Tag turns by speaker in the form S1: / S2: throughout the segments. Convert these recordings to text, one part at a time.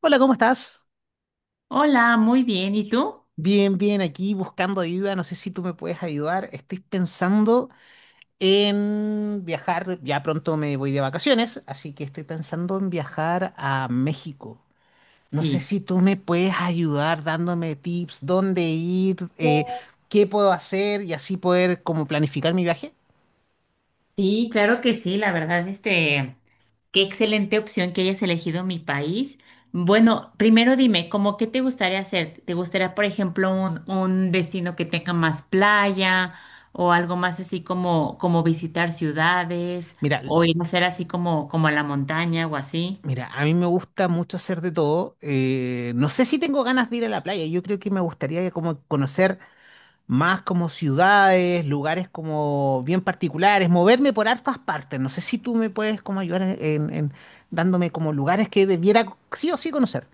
S1: Hola, ¿cómo estás?
S2: Hola, muy bien. ¿Y tú?
S1: Bien, bien, aquí buscando ayuda. No sé si tú me puedes ayudar. Estoy pensando en viajar. Ya pronto me voy de vacaciones, así que estoy pensando en viajar a México. No sé
S2: Sí.
S1: si tú me puedes ayudar dándome tips, dónde ir, qué puedo hacer y así poder como planificar mi viaje.
S2: Sí, claro que sí, la verdad, qué excelente opción que hayas elegido mi país. Bueno, primero dime, ¿cómo qué te gustaría hacer? ¿Te gustaría, por ejemplo, un destino que tenga más playa o algo más así como, como visitar ciudades
S1: Mira, l-
S2: o ir a hacer así como, como a la montaña o así?
S1: mira, a mí me gusta mucho hacer de todo. No sé si tengo ganas de ir a la playa. Yo creo que me gustaría como conocer más como ciudades, lugares como bien particulares, moverme por hartas partes. No sé si tú me puedes como ayudar en dándome como lugares que debiera sí o sí conocer.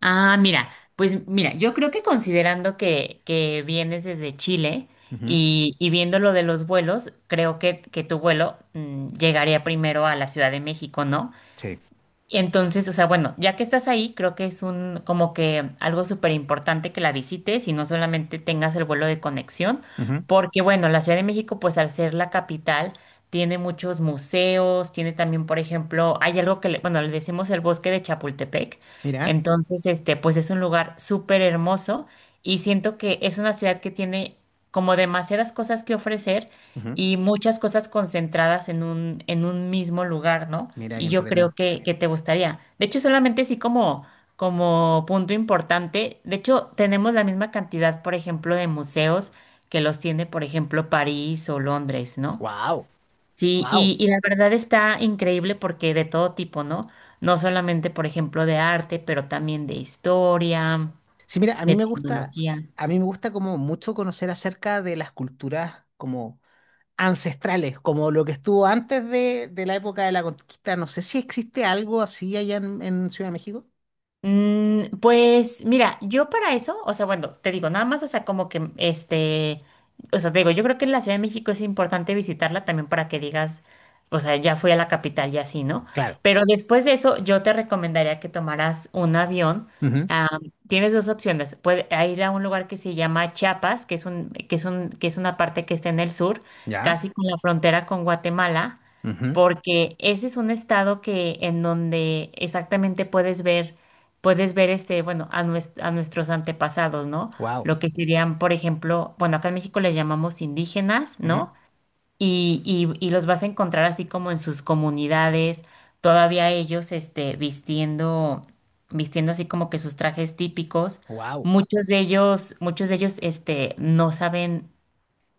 S2: Ah, mira, pues mira, yo creo que considerando que vienes desde Chile
S1: Ujú.
S2: y viendo lo de los vuelos, creo que tu vuelo llegaría primero a la Ciudad de México, ¿no?
S1: Sí.
S2: Y entonces, o sea, bueno, ya que estás ahí, creo que es un como que algo súper importante que la visites y no solamente tengas el vuelo de conexión,
S1: Ujú.
S2: porque bueno, la Ciudad de México, pues al ser la capital, tiene muchos museos, tiene también, por ejemplo, hay algo que, le, bueno, le decimos el Bosque de Chapultepec,
S1: Mira.
S2: entonces, pues es un lugar súper hermoso y siento que es una ciudad que tiene como demasiadas cosas que ofrecer
S1: Ujú.
S2: y muchas cosas concentradas en un mismo lugar, ¿no?
S1: Mira qué
S2: Y yo creo
S1: entretenido.
S2: que te gustaría. De hecho, solamente sí como, como punto importante, de hecho, tenemos la misma cantidad, por ejemplo, de museos que los tiene, por ejemplo, París o Londres, ¿no?
S1: Wow.
S2: Sí,
S1: Wow.
S2: y la verdad está increíble porque de todo tipo, ¿no? No solamente, por ejemplo, de arte, pero también de historia,
S1: Sí, mira, a
S2: de
S1: mí me gusta,
S2: tecnología.
S1: a mí me gusta como mucho conocer acerca de las culturas como ancestrales, como lo que estuvo antes de la época de la conquista. No sé si existe algo así allá en Ciudad de México.
S2: Pues mira, yo para eso, o sea, bueno, te digo, nada más, o sea, como que o sea, te digo, yo creo que la Ciudad de México es importante visitarla también para que digas, o sea, ya fui a la capital y así, ¿no?
S1: Claro.
S2: Pero después de eso, yo te recomendaría que tomaras un avión.
S1: Ujú.
S2: Ah, tienes dos opciones. Puedes ir a un lugar que se llama Chiapas, que es una parte que está en el sur,
S1: ¿Ya?
S2: casi con la frontera con Guatemala, porque ese es un estado que en donde exactamente puedes ver bueno, a, nues- a nuestros antepasados, ¿no?
S1: Wow.
S2: Lo que serían, por ejemplo, bueno, acá en México les llamamos indígenas, ¿no? Y los vas a encontrar así como en sus comunidades, todavía ellos, vistiendo así como que sus trajes típicos.
S1: Wow.
S2: Muchos de ellos, no saben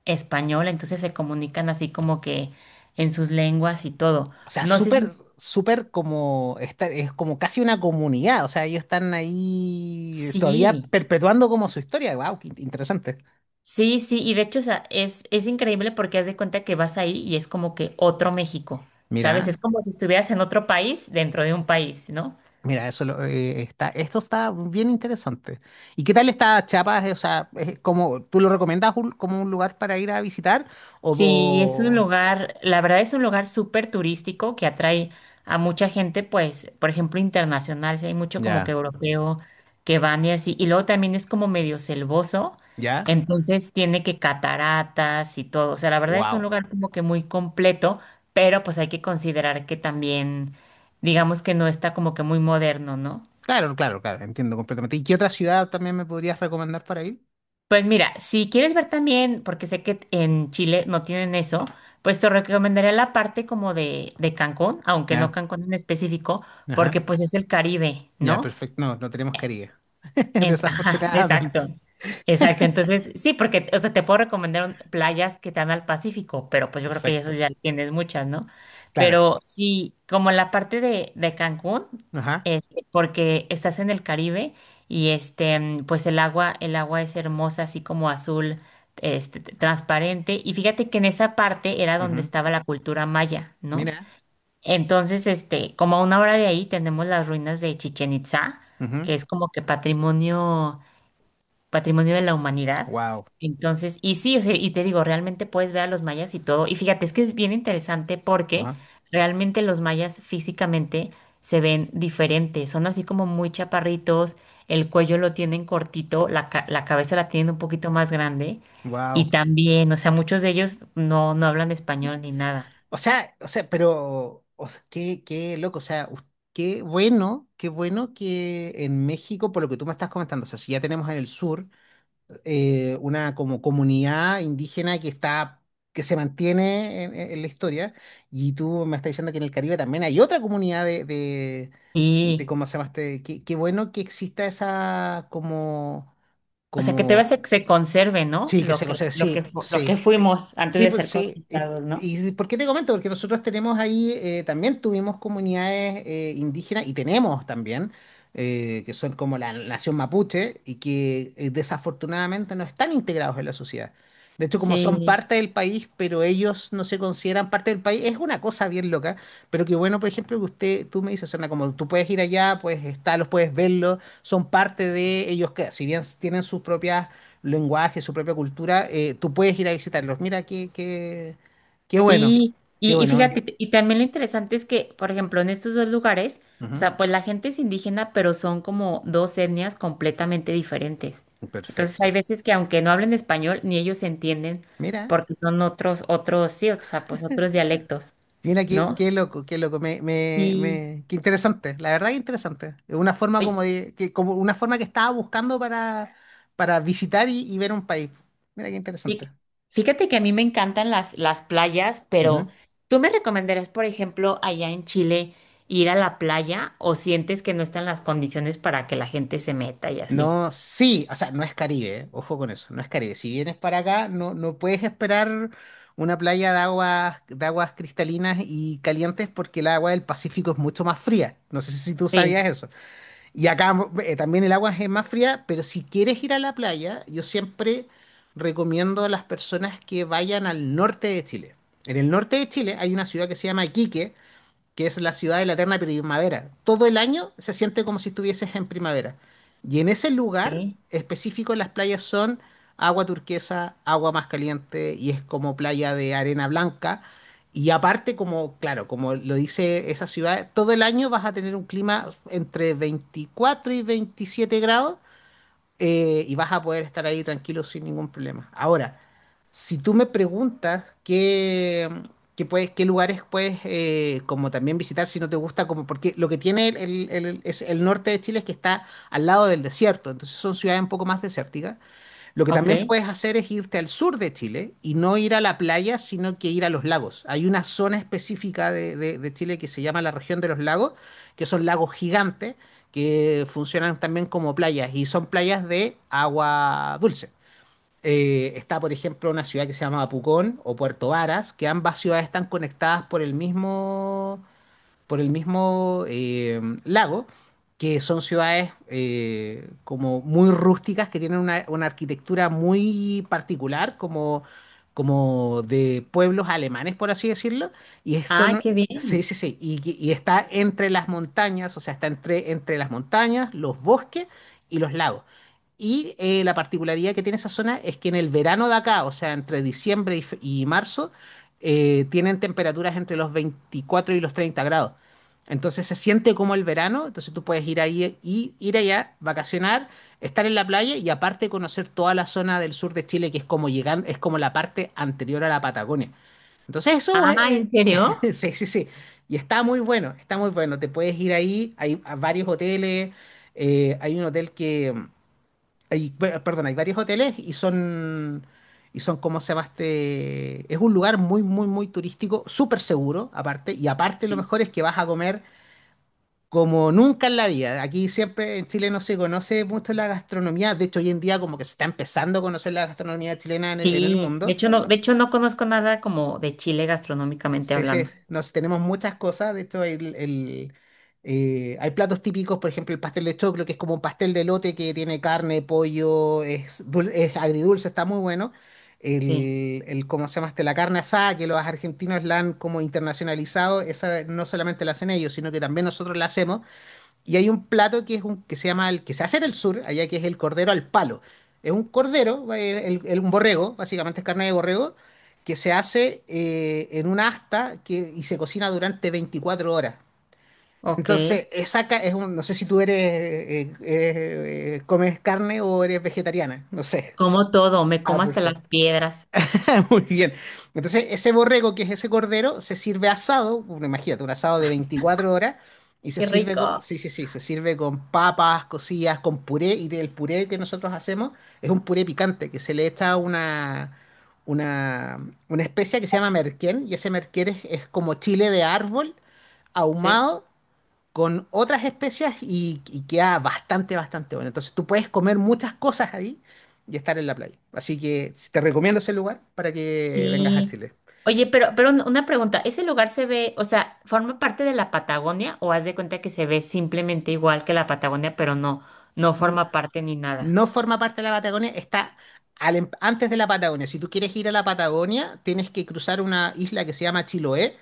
S2: español, entonces se comunican así como que en sus lenguas y todo.
S1: O sea,
S2: No sé si,
S1: súper, súper como, es como casi una comunidad. O sea, ellos están ahí todavía
S2: sí.
S1: perpetuando como su historia. Wow, qué interesante.
S2: Sí, sí, y de hecho, o sea, es increíble porque haz de cuenta que vas ahí y es como que otro México, ¿sabes?
S1: Mira,
S2: Es como si estuvieras en otro país dentro de un país, ¿no?
S1: mira, esto está bien interesante. ¿Y qué tal está Chiapas? O sea, es como, ¿tú lo recomiendas como un lugar para ir a visitar? O,
S2: Sí, es un
S1: o-
S2: lugar, la verdad es un lugar súper turístico que atrae a mucha gente, pues, por ejemplo, internacional, sí, hay mucho como que
S1: ya,
S2: europeo que van y así, y luego también es como medio selvoso,
S1: ya.
S2: entonces tiene que cataratas y todo, o sea, la verdad es un
S1: Wow.
S2: lugar como que muy completo, pero pues hay que considerar que también, digamos que no está como que muy moderno, ¿no?
S1: Claro, claro, claro, entiendo completamente. ¿Y qué otra ciudad también me podrías recomendar para ir?
S2: Pues mira, si quieres ver también, porque sé que en Chile no tienen eso, pues te recomendaría la parte como de Cancún, aunque no
S1: Ya,
S2: Cancún en específico, porque
S1: ajá.
S2: pues es el Caribe,
S1: Ya,
S2: ¿no?
S1: perfecto. No, no tenemos caries.
S2: En- ajá,
S1: Desafortunadamente.
S2: exacto. Exacto. Entonces, sí, porque, o sea, te puedo recomendar un- playas que te dan al Pacífico, pero pues yo creo que eso
S1: Perfecto.
S2: ya tienes muchas, ¿no?
S1: Claro.
S2: Pero sí, como la parte de Cancún,
S1: Ajá.
S2: porque estás en el Caribe y pues el agua es hermosa, así como azul, t- transparente. Y fíjate que en esa parte era donde
S1: Ujú.
S2: estaba la cultura maya, ¿no?
S1: Mira.
S2: Entonces, como a una hora de ahí tenemos las ruinas de Chichen Itza,
S1: Ujú.
S2: que es como que patrimonio de la humanidad.
S1: Wow.
S2: Entonces, y sí, o sea, y te digo, realmente puedes ver a los mayas y todo. Y fíjate, es que es bien interesante porque
S1: Ajá.
S2: realmente los mayas físicamente se ven diferentes. Son así como muy chaparritos, el cuello lo tienen cortito, la, ca- la cabeza la tienen un poquito más grande.
S1: Wow.
S2: Y también, o sea, muchos de ellos no hablan español ni nada.
S1: O sea, pero, o sea, qué loco. O sea, qué bueno que en México, por lo que tú me estás comentando, o sea, si ya tenemos en el sur. Una como comunidad indígena que está, que se mantiene en la historia. Y tú me estás diciendo que en el Caribe también hay otra comunidad de
S2: Sí.
S1: ¿cómo se llama este? Qué bueno que exista esa como,
S2: O sea, que te
S1: como,
S2: vas a que se conserve, ¿no?
S1: sí, que se conserve, sí,
S2: Fu- lo que
S1: sí.
S2: fuimos antes
S1: Sí,
S2: de
S1: pues
S2: ser
S1: sí.
S2: conquistados, ¿no?
S1: ¿Y por qué te comento? Porque nosotros tenemos ahí, también tuvimos comunidades indígenas y tenemos también, que son como la nación mapuche y que desafortunadamente no están integrados en la sociedad. De hecho, como son
S2: Sí,
S1: parte del país, pero ellos no se consideran parte del país, es una cosa bien loca, pero que bueno, por ejemplo, que usted, tú me dices, Sandra, como tú puedes ir allá, puedes estarlos, puedes verlos, son parte de ellos, que si bien tienen sus propias lenguaje, su propia cultura, tú puedes ir a visitarlos. Mira, qué bueno,
S2: sí.
S1: qué
S2: Y
S1: bueno, eh.
S2: fíjate, t- y también lo interesante es que, por ejemplo, en estos dos lugares, o
S1: Ujú.
S2: sea, pues la gente es indígena, pero son como dos etnias completamente diferentes. Entonces hay
S1: Perfecto.
S2: veces que aunque no hablen español, ni ellos se entienden
S1: Mira,
S2: porque son otros, sí, o sea, pues otros dialectos,
S1: mira
S2: ¿no?
S1: qué loco, qué loco,
S2: Y,
S1: qué interesante, la verdad que interesante. Es una forma como como una forma que estaba buscando para, visitar y ver un país. Mira qué interesante.
S2: Fí- Fíjate que a mí me encantan las playas, pero ¿tú me recomendarías, por ejemplo, allá en Chile ir a la playa o sientes que no están las condiciones para que la gente se meta y así?
S1: No, sí, o sea, no es Caribe, ¿eh? Ojo con eso, no es Caribe. Si vienes para acá, no puedes esperar una playa de aguas, cristalinas y calientes porque el agua del Pacífico es mucho más fría. No sé si tú sabías
S2: Sí.
S1: eso. Y acá también el agua es más fría, pero si quieres ir a la playa, yo siempre recomiendo a las personas que vayan al norte de Chile. En el norte de Chile hay una ciudad que se llama Iquique, que es la ciudad de la eterna primavera. Todo el año se siente como si estuvieses en primavera. Y en ese lugar
S2: Sí.
S1: específico las playas son agua turquesa, agua más caliente y es como playa de arena blanca. Y aparte, como, claro, como lo dice esa ciudad, todo el año vas a tener un clima entre 24 y 27 grados y vas a poder estar ahí tranquilo sin ningún problema. Ahora, si tú me preguntas qué lugares puedes como también visitar si no te gusta, como porque lo que tiene es el norte de Chile es que está al lado del desierto, entonces son ciudades un poco más desérticas. Lo que
S2: Ok.
S1: también puedes hacer es irte al sur de Chile y no ir a la playa, sino que ir a los lagos. Hay una zona específica de Chile que se llama la región de los lagos, que son lagos gigantes que funcionan también como playas y son playas de agua dulce. Está, por ejemplo, una ciudad que se llama Pucón o Puerto Varas, que ambas ciudades están conectadas por el mismo lago, que son ciudades como muy rústicas, que tienen una arquitectura muy particular, como, de pueblos alemanes, por así decirlo. Y eso
S2: Ay,
S1: son,
S2: qué
S1: sí,
S2: bien.
S1: sí, sí, y está entre las montañas, o sea, está entre las montañas, los bosques y los lagos. Y la particularidad que tiene esa zona es que en el verano de acá, o sea, entre diciembre y marzo, tienen temperaturas entre los 24 y los 30 grados. Entonces se siente como el verano, entonces tú puedes ir ahí y ir allá, vacacionar, estar en la playa y aparte conocer toda la zona del sur de Chile que es como llegando, es como la parte anterior a la Patagonia. Entonces eso
S2: Ah, ¿en serio?
S1: sí, sí, sí. Y está muy bueno, está muy bueno. Te puedes ir ahí, hay a varios hoteles, hay un hotel que hay, per- perdón, hay varios hoteles y son como se llama este, es un lugar muy muy muy turístico, súper seguro aparte y aparte lo
S2: Sí.
S1: mejor es que vas a comer como nunca en la vida. Aquí siempre en Chile no se conoce mucho la gastronomía. De hecho, hoy en día como que se está empezando a conocer la gastronomía chilena en el
S2: Sí.
S1: mundo.
S2: De hecho, no conozco nada como de Chile gastronómicamente
S1: Sí, sí,
S2: hablando.
S1: nos tenemos muchas cosas. De hecho, hay platos típicos, por ejemplo, el pastel de choclo, que es como un pastel de lote que tiene carne, pollo, es agridulce, está muy bueno.
S2: Sí.
S1: ¿Cómo se llama este? La carne asada, que los argentinos la han como internacionalizado, esa no solamente la hacen ellos, sino que también nosotros la hacemos. Y hay un plato que es un que se llama el que se hace en el sur, allá que es el cordero al palo. Es un cordero, un borrego, básicamente es carne de borrego, que se hace en una asta y se cocina durante 24 horas.
S2: Ok.
S1: Entonces, esa ca- es un, no sé si tú eres comes carne o eres vegetariana, no sé.
S2: Como todo, me
S1: Ah,
S2: como hasta las
S1: perfecto.
S2: piedras.
S1: Muy bien. Entonces, ese borrego, que es ese cordero, se sirve asado, bueno, imagínate, un asado de 24 horas, y
S2: Qué rico.
S1: sí, sí, sí, se sirve con papas cocidas, con puré, y el puré que nosotros hacemos es un puré picante, que se le echa una, una especia que se llama merquén, y ese merquén es como chile de árbol
S2: Sí.
S1: ahumado con otras especias y queda bastante, bastante bueno. Entonces tú puedes comer muchas cosas ahí y estar en la playa. Así que si te recomiendo ese lugar para que vengas a
S2: Sí.
S1: Chile.
S2: Oye, pero un- una pregunta, ¿ese lugar se ve, o sea, forma parte de la Patagonia o haz de cuenta que se ve simplemente igual que la Patagonia, pero no, no forma parte ni nada?
S1: No forma parte de la Patagonia, está antes de la Patagonia. Si tú quieres ir a la Patagonia, tienes que cruzar una isla que se llama Chiloé,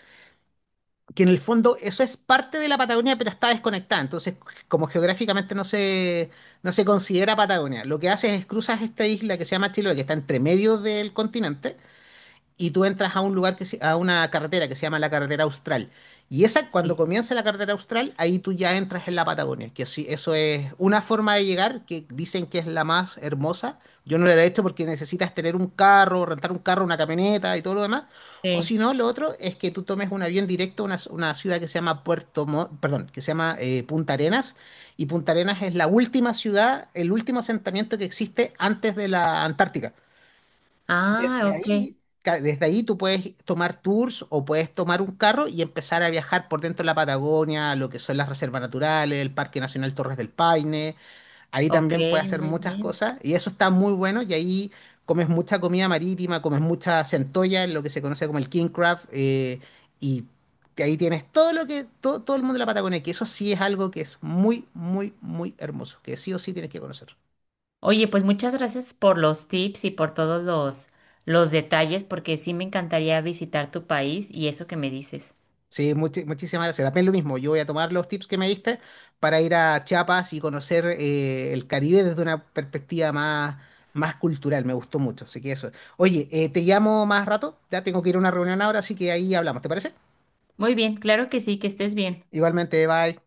S1: que en el fondo eso es parte de la Patagonia, pero está desconectada. Entonces, como geográficamente no se considera Patagonia, lo que haces es cruzas esta isla que se llama Chiloé, que está entre medio del continente y tú entras a un lugar a una carretera que se llama la carretera Austral. Y esa, cuando
S2: Sí.
S1: comienza la carretera Austral, ahí tú ya entras en la Patagonia, que sí, eso es una forma de llegar que dicen que es la más hermosa. Yo no la he hecho porque necesitas tener un carro, rentar un carro, una camioneta y todo lo demás. O
S2: Sí.
S1: si no, lo otro es que tú tomes un avión directo a una ciudad que se llama perdón, que se llama Punta Arenas. Y Punta Arenas es la última ciudad, el último asentamiento que existe antes de la Antártica. Y
S2: Ah, ok,
S1: desde ahí tú puedes tomar tours o puedes tomar un carro y empezar a viajar por dentro de la Patagonia, lo que son las reservas naturales, el Parque Nacional Torres del Paine. Ahí
S2: ok,
S1: también puedes hacer
S2: muy
S1: muchas
S2: bien.
S1: cosas y eso está muy bueno y ahí comes mucha comida marítima, comes mucha centolla, lo que se conoce como el king crab y que ahí tienes todo lo que todo, todo el mundo de la Patagonia, que eso sí es algo que es muy, muy, muy hermoso, que sí o sí tienes que conocer.
S2: Oye, pues muchas gracias por los tips y por todos los detalles, porque sí me encantaría visitar tu país y eso que me dices.
S1: Sí, muchísimas gracias. La pena lo mismo. Yo voy a tomar los tips que me diste para ir a Chiapas y conocer el Caribe desde una perspectiva más cultural. Me gustó mucho. Así que eso. Oye, te llamo más rato. Ya tengo que ir a una reunión ahora, así que ahí hablamos. ¿Te parece?
S2: Muy bien, claro que sí, que estés bien.
S1: Igualmente, bye.